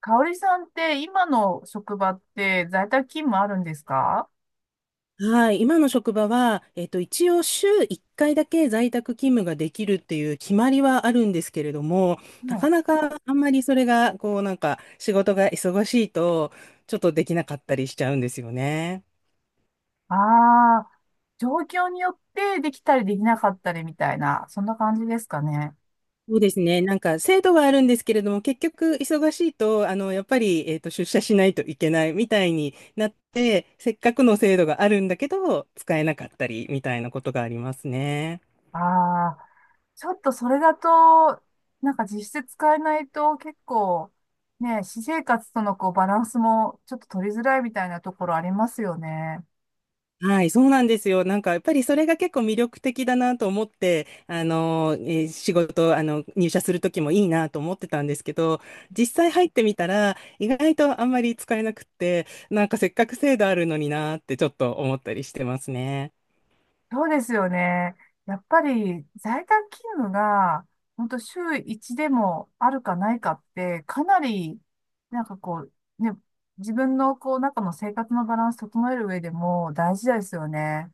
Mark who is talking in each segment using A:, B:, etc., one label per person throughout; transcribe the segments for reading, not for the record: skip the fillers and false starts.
A: かおりさんって今の職場って在宅勤務あるんですか？
B: はい、今の職場は、一応週1回だけ在宅勤務ができるっていう決まりはあるんですけれども、
A: は
B: なか
A: い。
B: なかあんまりそれが、こうなんか仕事が忙しいと、ちょっとできなかったりしちゃうんですよね。
A: ああ、状況によってできたりできなかったりみたいな、そんな感じですかね。
B: そうですね。なんか制度はあるんですけれども、結局忙しいと、やっぱり、出社しないといけないみたいになって、せっかくの制度があるんだけど、使えなかったりみたいなことがありますね。
A: ああ、ちょっとそれだと、なんか実質使えないと結構、ね、私生活とのこうバランスもちょっと取りづらいみたいなところありますよね。
B: はい、そうなんですよ。なんか、やっぱりそれが結構魅力的だなと思って、あの、えー仕事、あの、入社するときもいいなと思ってたんですけど、実際入ってみたら、意外とあんまり使えなくって、なんかせっかく制度あるのになってちょっと思ったりしてますね。
A: そうですよね。やっぱり在宅勤務が、本当週1でもあるかないかって、かなり、なんかこう、ね、自分のこう、中の生活のバランス整える上でも大事ですよね。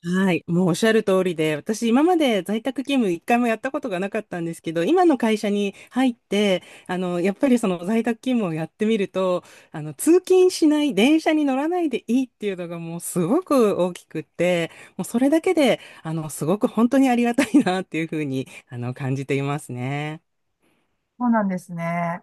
B: はい、もうおっしゃる通りで、私今まで在宅勤務一回もやったことがなかったんですけど、今の会社に入って、やっぱりその在宅勤務をやってみると、通勤しない、電車に乗らないでいいっていうのがもうすごく大きくって、もうそれだけで、すごく本当にありがたいなっていうふうに、感じていますね。
A: そうなんですね。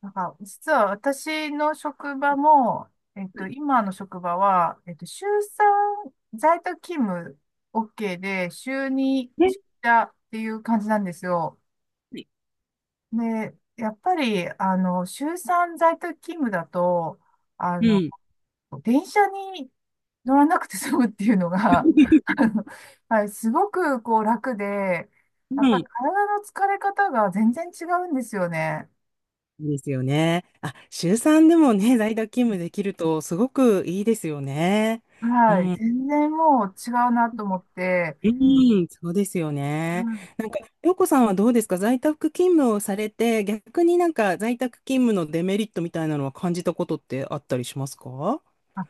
A: なんか、実は私の職場も、
B: はい
A: 今の職場は、週3在宅勤務 OK で、週2
B: ね。
A: 出社っていう感じなんですよ。
B: はい。
A: で、やっぱり、週3在宅勤務だと、あ
B: う
A: の、
B: ん。
A: 電車に乗らなくて済むっていうのが、あの、はい、すごくこう楽で、や
B: う
A: っぱり
B: ん。
A: 体の疲れ方が全然違うんですよね。
B: ですよね。あ、週3でもね、在宅勤務できるとすごくいいですよね。う
A: はい、
B: ん。
A: 全然もう違うなと思って、
B: うん、そうですよね。なんか、洋子さんはどうですか、在宅勤務をされて、逆になんか在宅勤務のデメリットみたいなのは感じたことってあったりしますか？
A: あ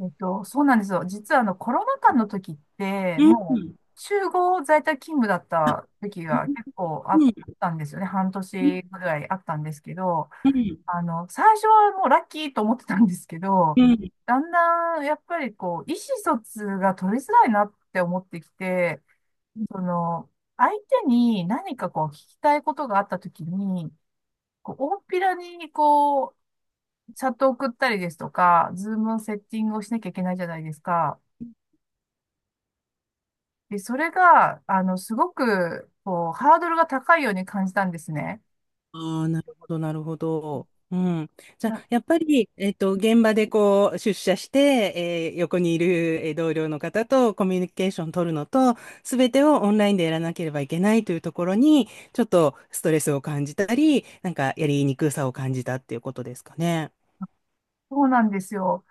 A: そうなんですよ。実はコロナ禍の時って、
B: うん。う
A: もう、
B: ん。
A: 集合在宅勤務だった時が結構あっ
B: うん。
A: たんですよね。半
B: う
A: 年ぐらいあったんですけど、
B: ん。
A: 最初はもうラッキーと思ってたんですけど、
B: うん。
A: だんだん、やっぱりこう、意思疎通が取りづらいなって思ってきて、その、相手に何かこう、聞きたいことがあった時に、こう、大っぴらに、こう、チャットを送ったりですとか、ズームのセッティングをしなきゃいけないじゃないですか。で、それが、すごく、こう、ハードルが高いように感じたんですね。
B: ああ、なるほど、なるほど。うん。じゃ
A: な
B: あ、やっぱり、現場でこう、出社して、横にいる同僚の方とコミュニケーション取るのと、すべてをオンラインでやらなければいけないというところに、ちょっとストレスを感じたり、なんかやりにくさを感じたっていうことですかね。
A: そうなんですよ。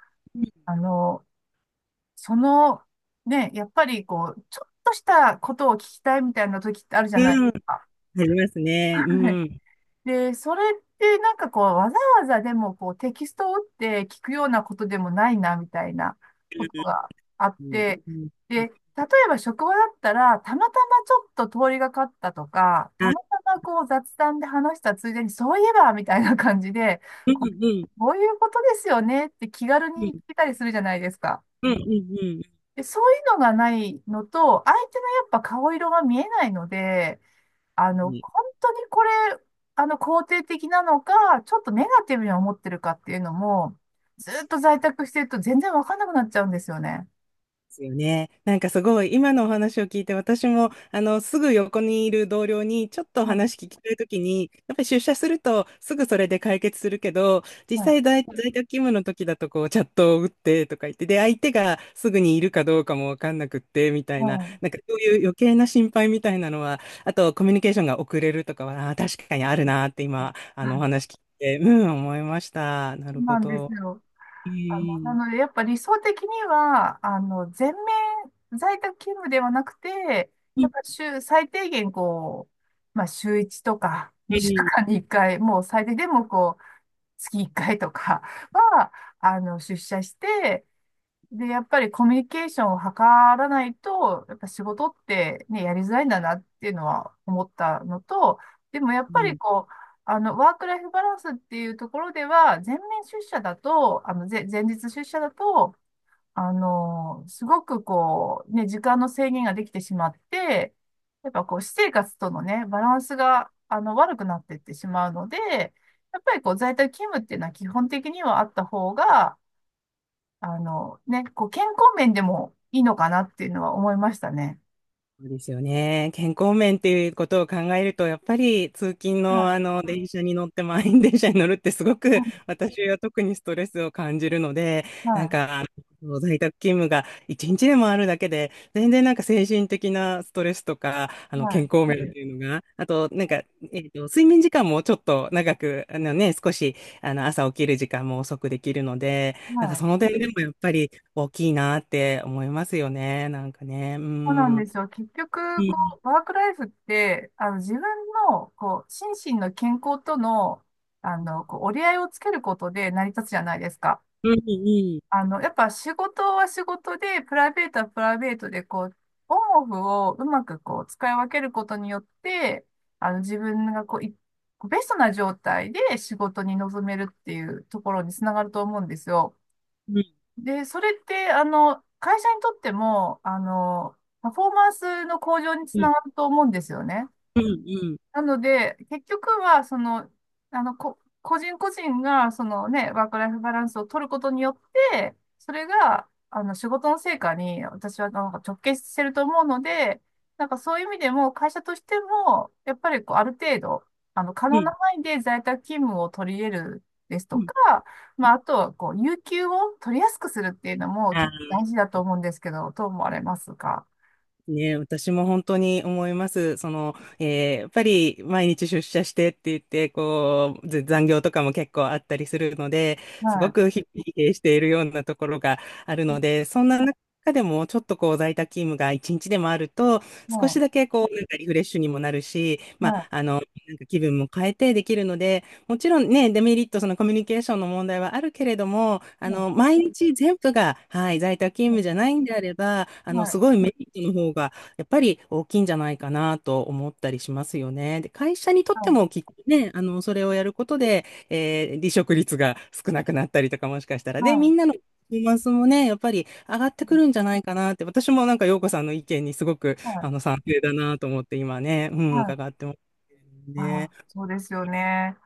A: あの、その、ね、やっぱり、こう、ちょっとしたことを聞きたいみたいな時ってあるじゃないで
B: うん、
A: す
B: あ
A: か。
B: りますね。う ん。
A: で、それってなんかこう、わざわざでもこう、テキストを打って聞くようなことでもないな、みたいなことがあっ
B: うん。
A: て、
B: うん。
A: で、例えば職場だったら、たまたまちょっと通りがかったとか、た
B: あ、
A: またまこう雑談で話したついでに、そういえば、みたいな感じで、
B: うん。
A: こ
B: うん。
A: こういうことですよねって気軽
B: うん。
A: に聞けたりするじゃないですか。
B: うん。うん。う
A: で、そういうのがないのと、相手のやっぱ顔色が見えないので、
B: ん、う
A: 本
B: ん。
A: 当にこれ、肯定的なのか、ちょっとネガティブに思ってるかっていうのも、ずっと在宅してると全然わかんなくなっちゃうんですよね。
B: ですよね。なんかすごい今のお話を聞いて、私もあのすぐ横にいる同僚にちょっと話
A: は
B: 聞きたいときにやっぱり出社するとすぐそれで解決するけど、
A: い、
B: 実
A: は
B: 際
A: い、
B: 在、在宅勤務の時だとこうチャットを打ってとか言って、で相手がすぐにいるかどうかもわかんなくってみたいな、
A: はい。
B: なんかそういう余計な心配みたいなのは、あとコミュニケーションが遅れるとかは、確かにあるなって、今あ
A: は
B: のお
A: い、
B: 話聞いて思いました。な
A: そ
B: る
A: う
B: ほ
A: なんです
B: ど。
A: よ。
B: え
A: な
B: ー、
A: ので、やっぱ理想的には、全面在宅勤務ではなくて、
B: う
A: やっ
B: ん。
A: ぱ週、最低限こう、まあ、週1とか、2週間に1
B: う
A: 回、もう最低でもこう、月1回とかは、出社して、で、やっぱりコミュニケーションを図らないと、やっぱ仕事ってね、やりづらいんだなっていうのは思ったのと、でもやっぱり
B: ん。
A: こう、ワークライフバランスっていうところでは、全面出社だと、前日出社だと、すごくこう、ね、時間の制限ができてしまって、やっぱこう、私生活とのね、バランスが、悪くなっていってしまうので、やっぱりこう、在宅勤務っていうのは基本的にはあった方が、ね、こう、健康面でもいいのかなっていうのは思いましたね。
B: そうですよね。健康面っていうことを考えると、やっぱり通勤
A: は
B: の
A: い、
B: あの電車に乗って満員電車に乗るってすご
A: は
B: く
A: い、
B: 私は特にストレスを感じるので、なんかあの在宅勤務が一日でもあるだけで、全然なんか精神的なストレスとか、あの
A: は
B: 健
A: い、
B: 康面っていうのが、あとなんか、睡眠時間もちょっと長く、あのね、少しあの朝起きる時間も遅くできるので、なんか
A: は
B: そ
A: い。
B: の点でもやっぱり大きいなって思いますよね。なんかね。う
A: そうなんで
B: ん。
A: すよ。結
B: う
A: 局、こ
B: ん、
A: う、ワークライフって、自分の、こう、心身の健康との、こう、折り合いをつけることで成り立つじゃないですか。
B: うん。うん。
A: やっぱ仕事は仕事で、プライベートはプライベートで、こう、オンオフをうまくこう、使い分けることによって、自分がこう、ベストな状態で仕事に臨めるっていうところにつながると思うんですよ。
B: うん、
A: で、それって、会社にとっても、パフォーマンスの向上に
B: う
A: つ
B: ん、うん、
A: ながると思うんですよね。
B: うん、
A: なので、結局は、その、個人個人が、そのね、ワークライフバランスを取ることによって、それが、仕事の成果に、私はなんか直結してると思うので、なんかそういう意味でも、会社としても、やっぱりこう、ある程度、可
B: う
A: 能
B: ん、
A: な範囲で在宅勤務を取り入れるです
B: う
A: と
B: ん。
A: か、まあ、あとは、こう、有給を取りやすくするっていうのも結
B: あ
A: 構大事だと思うんですけど、どう思われますか？
B: ね、私も本当に思います。その、やっぱり毎日出社してって言って、こう、ず残業とかも結構あったりするので、す
A: は
B: ご
A: い。
B: く疲弊しているようなところがあるので、そんな中でもちょっとこう在宅勤務が一日でもあると、少し
A: は
B: だけこう、なんかリフレッシュにもなるし、
A: い。
B: まあ、
A: は
B: なんか気分も変えてできるので、もちろんね、デメリット、そのコミュニケーションの問題はあるけれども、
A: い。はい。
B: 毎日全部が、はい、在宅勤
A: はい。
B: 務じゃないんであれば、
A: は
B: す
A: い。
B: ごいメリットの方が、やっぱり大きいんじゃないかなと思ったりしますよね。で、会社にとっ
A: は
B: て
A: い。
B: もきっとね、それをやることで、離職率が少なくなったりとか、もしかしたら。
A: は
B: で、みん
A: い。
B: なのパフォーマンスもね、やっぱり上がっ
A: う
B: てく
A: ん、
B: るんじゃないかなって、私もなんか、陽子さんの意見にすごく、
A: はい。
B: 賛成だなと思って、今ね、うん、
A: はい。
B: 伺ってます
A: あ
B: ね。
A: あ、そうですよね。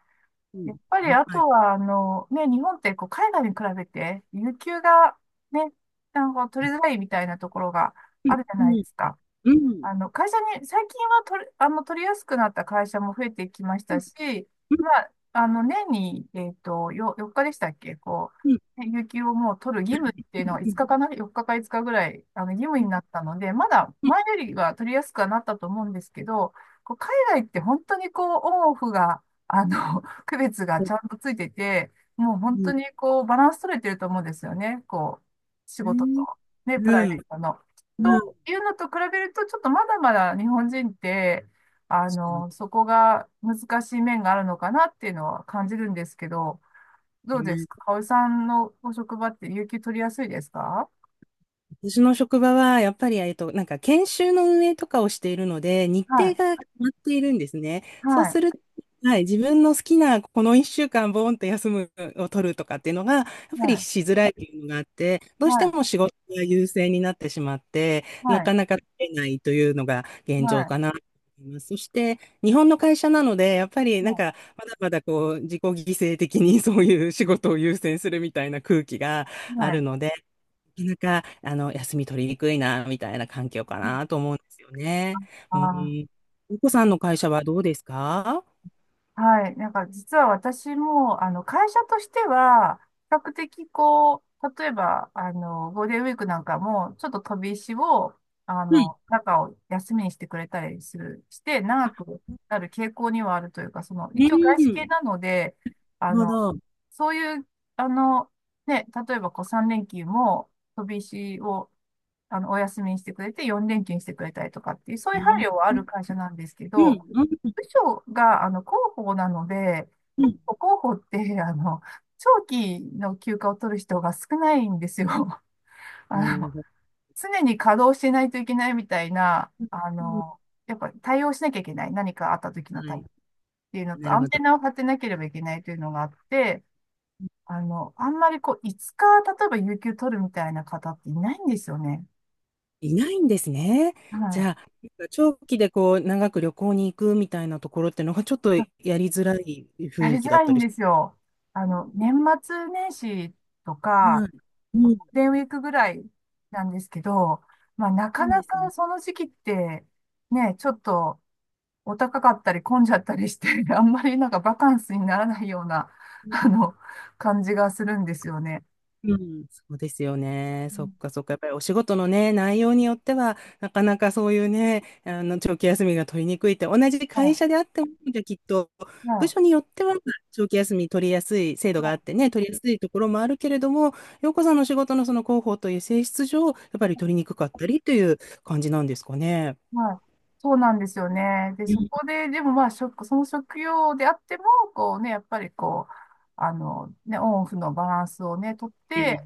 B: う
A: や
B: ん。
A: っぱり、あ
B: はい。
A: とは、ね、日本って、こう、海外に比べて、有給が、ね、なんか取りづらいみたいなところがあるじゃないですか。会社に、最近は取れ、あの、取りやすくなった会社も増えてきましたし、まあ、年に、4日でしたっけ、こう、ね有給をもう取る義務っていうのは5日かな？ 4 日か5日ぐらい、義務になったので、まだ前よりは取りやすくはなったと思うんですけど、こう、海外って本当にこう、オンオフが、区別がちゃんとついてて、もう本当にこう、バランス取れてると思うんですよね。こう、仕事と、ね、プライベートの。というのと比べると、ちょっとまだまだ日本人って、そこが難しい面があるのかなっていうのは感じるんですけど、どうですかおさんのご職場って有給取りやすいですか？
B: 私の職場は、やっぱり、なんか、研修の運営とかをしているので、日
A: は
B: 程
A: い、
B: が決まっているんですね。そう
A: はい、
B: すると、はい、自分の好きな、この1週間、ボーンと休むを取るとかっていうのが、やっ
A: は
B: ぱり
A: い、
B: しづらいっていうのがあって、どう
A: は
B: して
A: い、
B: も仕事が優先になってしまって、な
A: はい、
B: かなか取れないというのが現
A: は
B: 状
A: い、
B: かなと思います。そして、日本の会社なので、やっぱり、なん
A: は
B: か、まだまだこう、自己犠牲的にそういう仕事を優先するみたいな空気が
A: い、
B: あ
A: は
B: る
A: い。
B: ので、なかなか、休み取りにくいな、みたいな環境かなと思うんですよね。
A: あ
B: うん。
A: あ
B: ゆ
A: ー、
B: うこさんの会社はどうですか？
A: はい。なんか実は私も、会社としては、比較的こう、例えば、ゴールデンウィークなんかも、ちょっと飛び石を、
B: はい。
A: 中を休みにしてくれたりする、して、長くなる傾向にはあるというか、その、
B: う
A: 一応外資系
B: ん。
A: なので、あ
B: なるほ
A: の、
B: ど。
A: そういう、あの、ね、例えばこう3連休も飛び石をお休みにしてくれて、4連休にしてくれたりとかっていう、そういう配慮はあ
B: うん。
A: る会社なんですけ
B: う
A: ど、
B: ん。
A: 部署が、広報なので、
B: うん。
A: 広報って、長期の休暇を取る人が少ないんですよ。
B: なる
A: あの、
B: ほど。
A: 常に稼働してないといけないみたいな、
B: うん。
A: やっぱり対応しなきゃいけない。何かあった時の
B: は
A: ため
B: い。
A: っていうのと、
B: な
A: ア
B: るほ
A: ンテ
B: ど。
A: ナを張ってなければいけないというのがあって、あんまりこう、5日、例えば有給取るみたいな方っていないんですよね。
B: いないんですね。
A: は
B: じゃ
A: い。
B: あ、長期でこう、長く旅行に行くみたいなところってのが、ちょっとやりづらい雰
A: やり
B: 囲
A: づ
B: 気だ
A: ら
B: っ
A: い
B: た
A: ん
B: りし、
A: ですよ。年末年始とか、
B: はい。
A: ゴー
B: うん。
A: ルデンウィークぐらいなんですけど、まあ、なか
B: なんで
A: な
B: すね。
A: かその時期って、ね、ちょっとお高かったり混んじゃったりして、あんまりなんかバカンスにならないような、あの、感じがするんですよね。
B: うん、そうですよね。
A: う
B: そっ
A: ん、
B: かそっか。やっぱりお仕事のね、内容によっては、なかなかそういうね、長期休みが取りにくいって、同じ会
A: は
B: 社であっても、じゃあきっと、
A: い、
B: 部
A: は
B: 署によっては、長期休み取りやすい制
A: い、
B: 度があっ
A: は
B: てね、取りやすいところもあるけれども、洋子さんの仕事のその広報という性質上、やっぱり取りにくかったりという感じなんですかね。
A: い、はい。そうなんですよね。で、
B: う
A: そ
B: ん。
A: こで、でもまあ、その職業であっても、こうね、やっぱりこう、ね、オンオフのバランスをね、とって、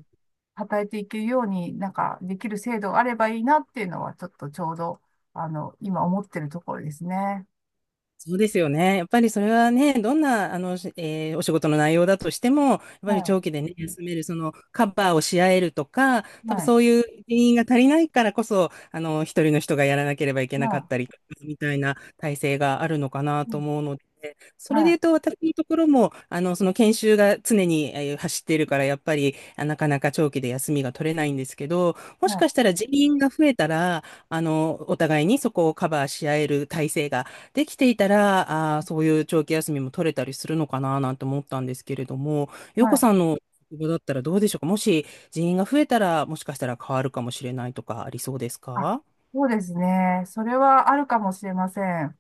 A: 働いていけるように、なんかできる制度があればいいなっていうのは、ちょっとちょうど、今思ってるところですね。
B: そうですよね。やっぱりそれはね、どんな、あの、しえーお仕事の内容だとしても、やっぱり
A: は
B: 長期でね、休める、その、カバーをし合えるとか、
A: い、
B: 多分
A: はい、
B: そういう原因が足りないからこそ、一人の人がやらなければいけなかっ
A: は
B: たりみたいな体制があるのかな
A: い、う
B: と
A: ん、
B: 思うので、そ
A: は
B: れで
A: い、
B: 言うと、私のところも、その研修が常に走っているから、やっぱり、なかなか長期で休みが取れないんですけど、もし
A: は
B: かしたら人員が増えたら、お互いにそこをカバーし合える体制ができていたら、そういう長期休みも取れたりするのかななんて思ったんですけれども、
A: い、
B: 洋
A: は
B: 子さ
A: い。
B: んの職場だったらどうでしょうか？もし人員が増えたら、もしかしたら変わるかもしれないとかありそうです
A: あ、
B: か？
A: そうですね。それはあるかもしれません。